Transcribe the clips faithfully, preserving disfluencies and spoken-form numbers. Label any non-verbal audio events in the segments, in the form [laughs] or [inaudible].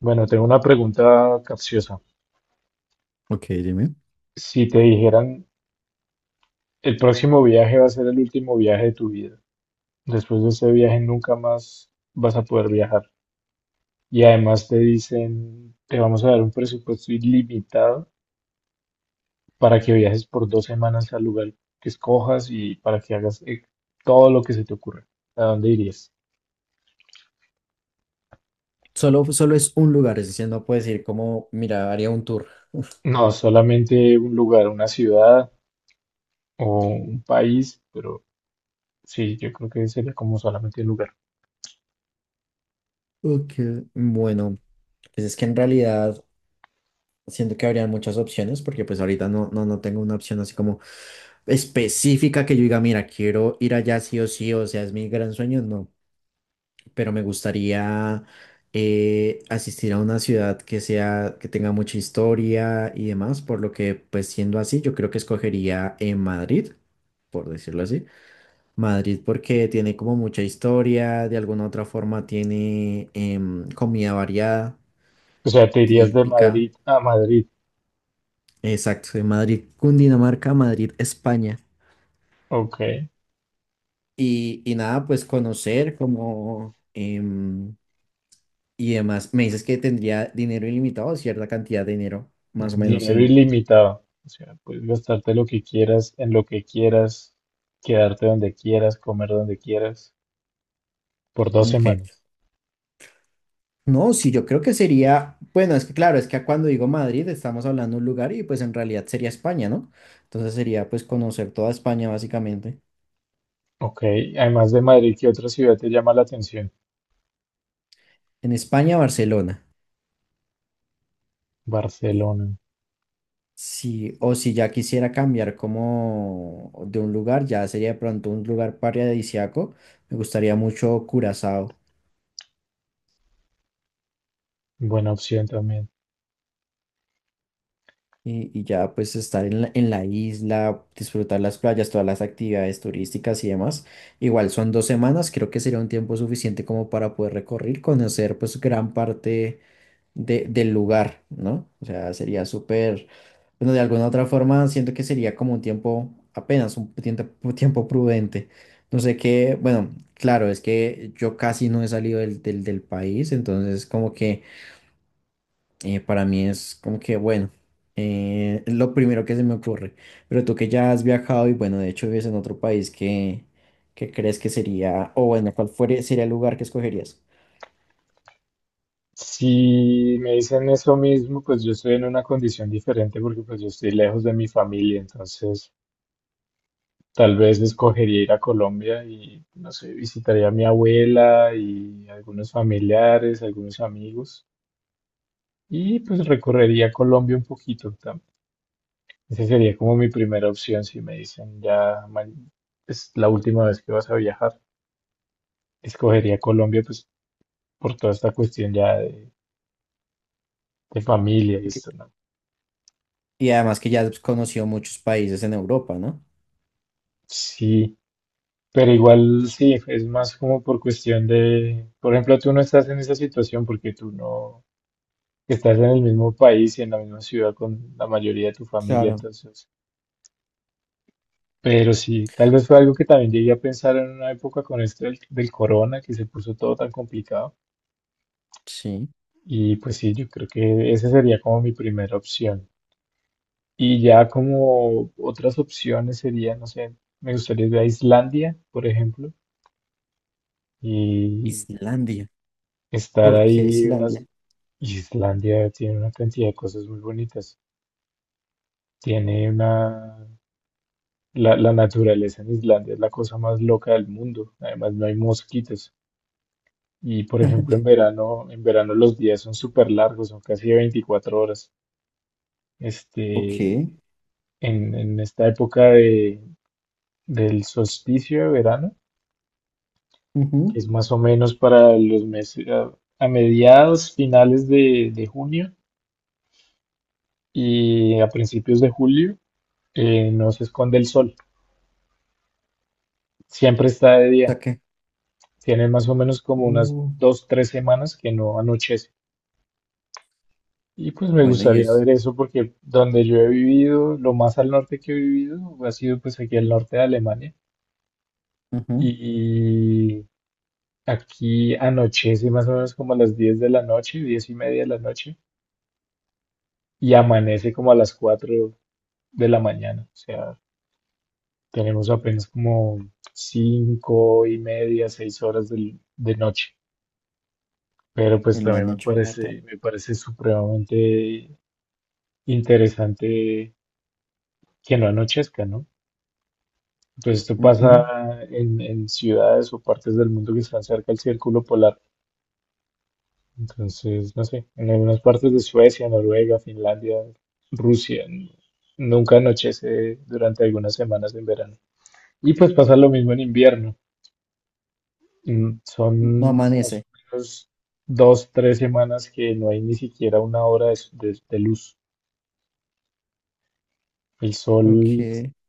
Bueno, tengo una pregunta capciosa. Ok, dime. Si te dijeran, el próximo viaje va a ser el último viaje de tu vida, después de ese viaje nunca más vas a poder viajar. Y además te dicen, te vamos a dar un presupuesto ilimitado para que viajes por dos semanas al lugar que escojas y para que hagas eh, todo lo que se te ocurra. ¿A dónde irías? Solo, solo es un lugar, es decir, no puedes ir como, mira, haría un tour. No, solamente un lugar, una ciudad o un país, pero sí, yo creo que sería como solamente un lugar. Ok. Bueno, pues es que en realidad siento que habrían muchas opciones, porque pues ahorita no, no, no tengo una opción así como específica que yo diga, mira, quiero ir allá sí o sí, o sea, es mi gran sueño, no, pero me gustaría eh, asistir a una ciudad que sea, que tenga mucha historia y demás, por lo que pues siendo así, yo creo que escogería en Madrid, por decirlo así. Madrid porque tiene como mucha historia, de alguna otra forma tiene em, comida variada, O sea, te irías de típica, Madrid a Madrid. exacto, de Madrid, Cundinamarca, Madrid, España. Ok, Y, y nada, pues conocer como em, y demás. Me dices que tendría dinero ilimitado, cierta cantidad de dinero, más o menos dinero en... ilimitado. O sea, puedes gastarte lo que quieras, en lo que quieras, quedarte donde quieras, comer donde quieras, por dos en semanas. No, sí, yo creo que sería, bueno, es que claro, es que cuando digo Madrid estamos hablando de un lugar y pues en realidad sería España, ¿no? Entonces sería pues conocer toda España básicamente. Ok, además de Madrid, ¿qué otra ciudad te llama la atención? En España, Barcelona. Barcelona, Sí, o si ya quisiera cambiar como de un lugar, ya sería de pronto un lugar paradisíaco. Me gustaría mucho Curazao buena opción también. y, y ya pues estar en la, en la isla, disfrutar las playas, todas las actividades turísticas y demás. Igual son dos semanas, creo que sería un tiempo suficiente como para poder recorrer, conocer pues gran parte de, del lugar, ¿no? O sea, sería súper, bueno, de alguna otra forma siento que sería como un tiempo, apenas un tiempo, tiempo prudente. No sé qué, bueno, claro, es que yo casi no he salido del, del, del país, entonces como que eh, para mí es como que, bueno, eh, es lo primero que se me ocurre. Pero tú que ya has viajado y bueno, de hecho vives en otro país, ¿qué, qué crees que sería, o bueno, cuál fuere- sería el lugar que escogerías? Si me dicen eso mismo, pues yo estoy en una condición diferente porque pues yo estoy lejos de mi familia, entonces tal vez escogería ir a Colombia y, no sé, visitaría a mi abuela y algunos familiares, algunos amigos. Y pues recorrería Colombia un poquito también. Esa sería como mi primera opción si me dicen ya ma- es la última vez que vas a viajar. Escogería Colombia pues por toda esta cuestión ya de, de familia y Y que- esto, ¿no? y además que ya has conocido muchos países en Europa, ¿no? Sí, pero igual sí, es más como por cuestión de, por ejemplo, tú no estás en esa situación porque tú no estás en el mismo país y en la misma ciudad con la mayoría de tu familia, Claro, entonces... Pero sí, tal vez fue algo que también llegué a pensar en una época con esto del, del corona, que se puso todo tan complicado. sí. Y pues sí, yo creo que esa sería como mi primera opción. Y ya como otras opciones serían, no sé, me gustaría ir a Islandia, por ejemplo, y Islandia. estar ¿Por qué ahí Islandia? unas... Islandia tiene una cantidad de cosas muy bonitas. Tiene una... La, la naturaleza en Islandia es la cosa más loca del mundo. Además, no hay mosquitos. Y por ejemplo, en [laughs] verano, en verano los días son súper largos, son casi de veinticuatro horas. Ok. Este, en, en esta época de, del solsticio de verano, que Ujú. es más o menos para los meses, a, a mediados, finales de, de junio y a principios de julio, eh, no se esconde el sol. Siempre está de día. Saqué. Tienen más o menos como unas Uh, dos, tres semanas que no anochece. Y pues me Bueno, y gustaría es ver eso porque donde yo he vivido, lo más al norte que he vivido ha sido pues aquí al norte de Alemania. ujú, Y aquí anochece más o menos como a las diez de la noche, diez y media de la noche, y amanece como a las cuatro de la mañana. O sea, tenemos apenas como cinco y media, seis horas del- de, noche. Pero pues en la también me noche como tal. parece, me parece supremamente interesante que no anochezca, ¿no? Pues esto Ujú. pasa en, en ciudades o partes del mundo que están cerca del círculo polar. Entonces, no sé, en algunas partes de Suecia, Noruega, Finlandia, Rusia, n- nunca anochece durante algunas semanas en verano. Y pues pasa lo mismo en invierno. Mm, No son más o amanece. menos dos, tres semanas que no hay ni siquiera una hora de, de- de luz. El sol, Ok.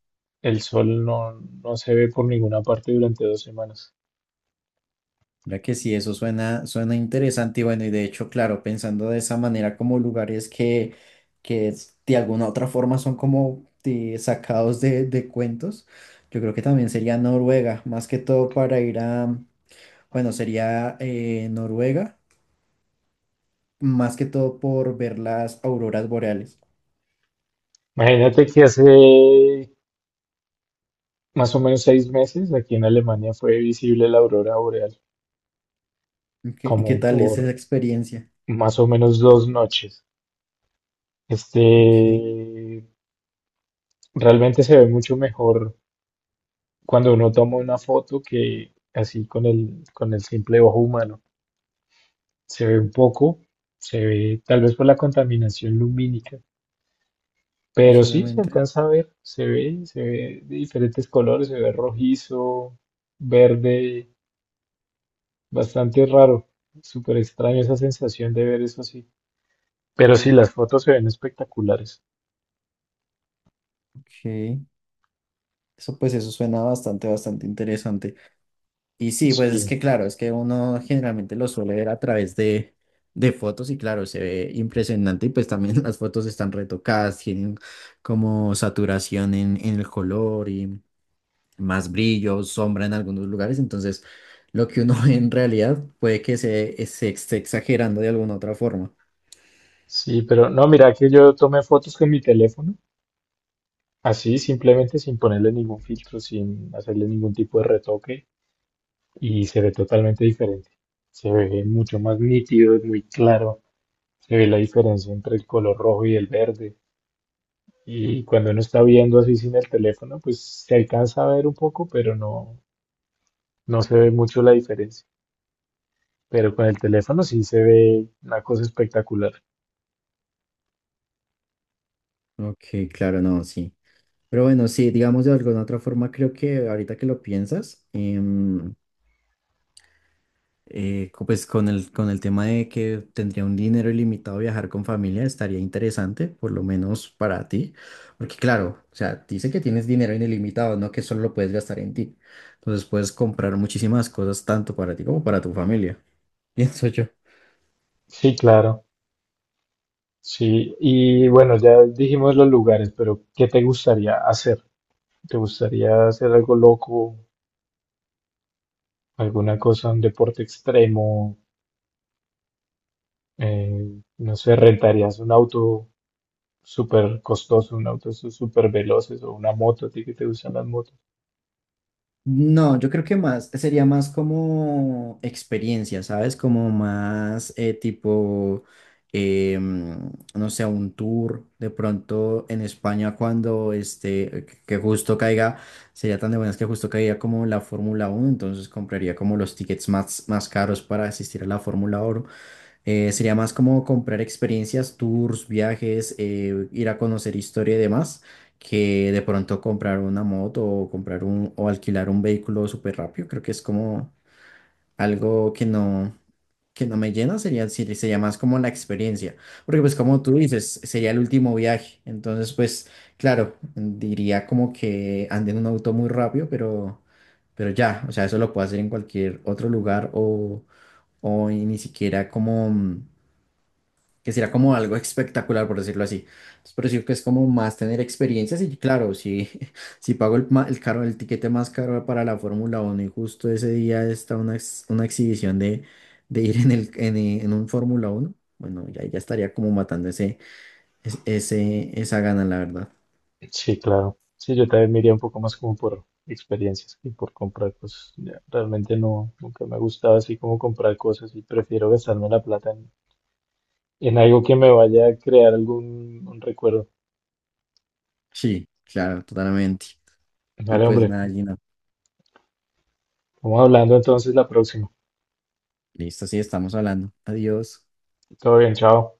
el sol no, no, se ve por ninguna parte durante dos semanas. Mira que sí, eso suena, suena interesante y bueno, y de hecho, claro, pensando de esa manera como lugares que, que es- de alguna otra forma son como eh, sacados de, de cuentos, yo creo que también sería Noruega, más que todo para ir a, bueno, sería eh, Noruega más que todo por ver las auroras boreales. Imagínate que hace más o menos seis meses, aquí en Alemania fue visible la aurora boreal, Ok, ¿y qué como tal es esa por experiencia? más o menos dos noches. Este, Ok, realmente se ve mucho mejor cuando uno toma una foto que así con el, con el simple ojo humano. Se ve un poco, se ve tal vez por la contaminación lumínica, pero sí se posiblemente. alcanza a ver, se ve, se ve de diferentes colores, se ve rojizo, verde, bastante raro. Súper extraño esa sensación de ver eso así. Pero sí, las fotos se ven espectaculares. Ok. Eso pues eso suena bastante, bastante interesante. Y sí, pues es Sí, que claro, es que uno generalmente lo suele ver a través de, de fotos y claro, se ve impresionante y pues también [laughs] las fotos están retocadas, tienen como saturación en, en el color y más brillo, sombra en algunos lugares, entonces lo que uno ve en realidad puede que se, se esté exagerando de alguna otra forma. sí, pero no, mira que yo tomé fotos con mi teléfono, así simplemente sin ponerle ningún filtro, sin hacerle ningún tipo de retoque y se ve totalmente diferente. Se ve mucho más nítido, es muy claro, se ve la diferencia entre el color rojo y el verde. Y cuando uno está viendo así sin el teléfono, pues se alcanza a ver un poco, pero no, no se ve mucho la diferencia. Pero con el teléfono sí se ve una cosa espectacular. Ok, claro, no, sí. Pero bueno, sí, digamos de alguna otra forma, creo que ahorita que lo piensas, em, eh, co- pues con el, con el tema de que tendría un dinero ilimitado viajar con familia, estaría interesante, por lo menos para ti, porque claro, o sea, dice que tienes dinero ilimitado, no que solo lo puedes gastar en ti. Entonces puedes comprar muchísimas cosas tanto para ti como para tu familia, [laughs] pienso yo. Sí, claro. Sí, y bueno, ya dijimos los lugares, pero ¿qué te gustaría hacer? ¿Te gustaría hacer algo loco, alguna cosa, un deporte extremo? Eh, no sé, ¿rentarías un auto súper costoso, un auto súper veloces o una moto? ¿A ti que te gustan las motos? No, yo creo que más, sería más como experiencia, ¿sabes? Como más eh, tipo, em, no sé, un tour de pronto en España cuando este, que que justo caiga, sería tan de buenas que justo caiga como la Fórmula Uno, entonces compraría como los tickets más, más caros para asistir a la Fórmula eh, sería más como comprar experiencias, tours, viajes, eh, ir a conocer historia y demás, que de pronto comprar una moto o comprar un o alquilar un vehículo súper rápido. Creo que es como algo que no, que no me llena, sería, sí, sería más como la experiencia. Porque pues como tú dices, sería el último viaje. Entonces pues claro, diría como que ande en un auto muy rápido, pero, pero ya, o sea, eso lo puedo hacer en cualquier otro lugar o, o ni siquiera como que será como algo espectacular, por decirlo así. Entonces, por eso que es como más tener experiencias y claro, si, [laughs] si pago el, ma- el caro, el tiquete más caro para la Fórmula uno y justo ese día está una, ex- una exhibición de, de ir en, el, en, eh, en un Fórmula uno bueno, ya, ya estaría como matando ese, es- ese, esa gana, la verdad. Sí, claro. Sí, yo también me iría un poco más como por experiencias que por comprar cosas. Ya, realmente no, nunca me ha gustado así como comprar cosas y prefiero gastarme la plata en, en algo que me vaya a crear algún un recuerdo. Sí, claro, totalmente. Y Dale, pues hombre. nada, Gina, Vamos hablando entonces la próxima. listo, sí, estamos hablando. Adiós. Todo bien, chao.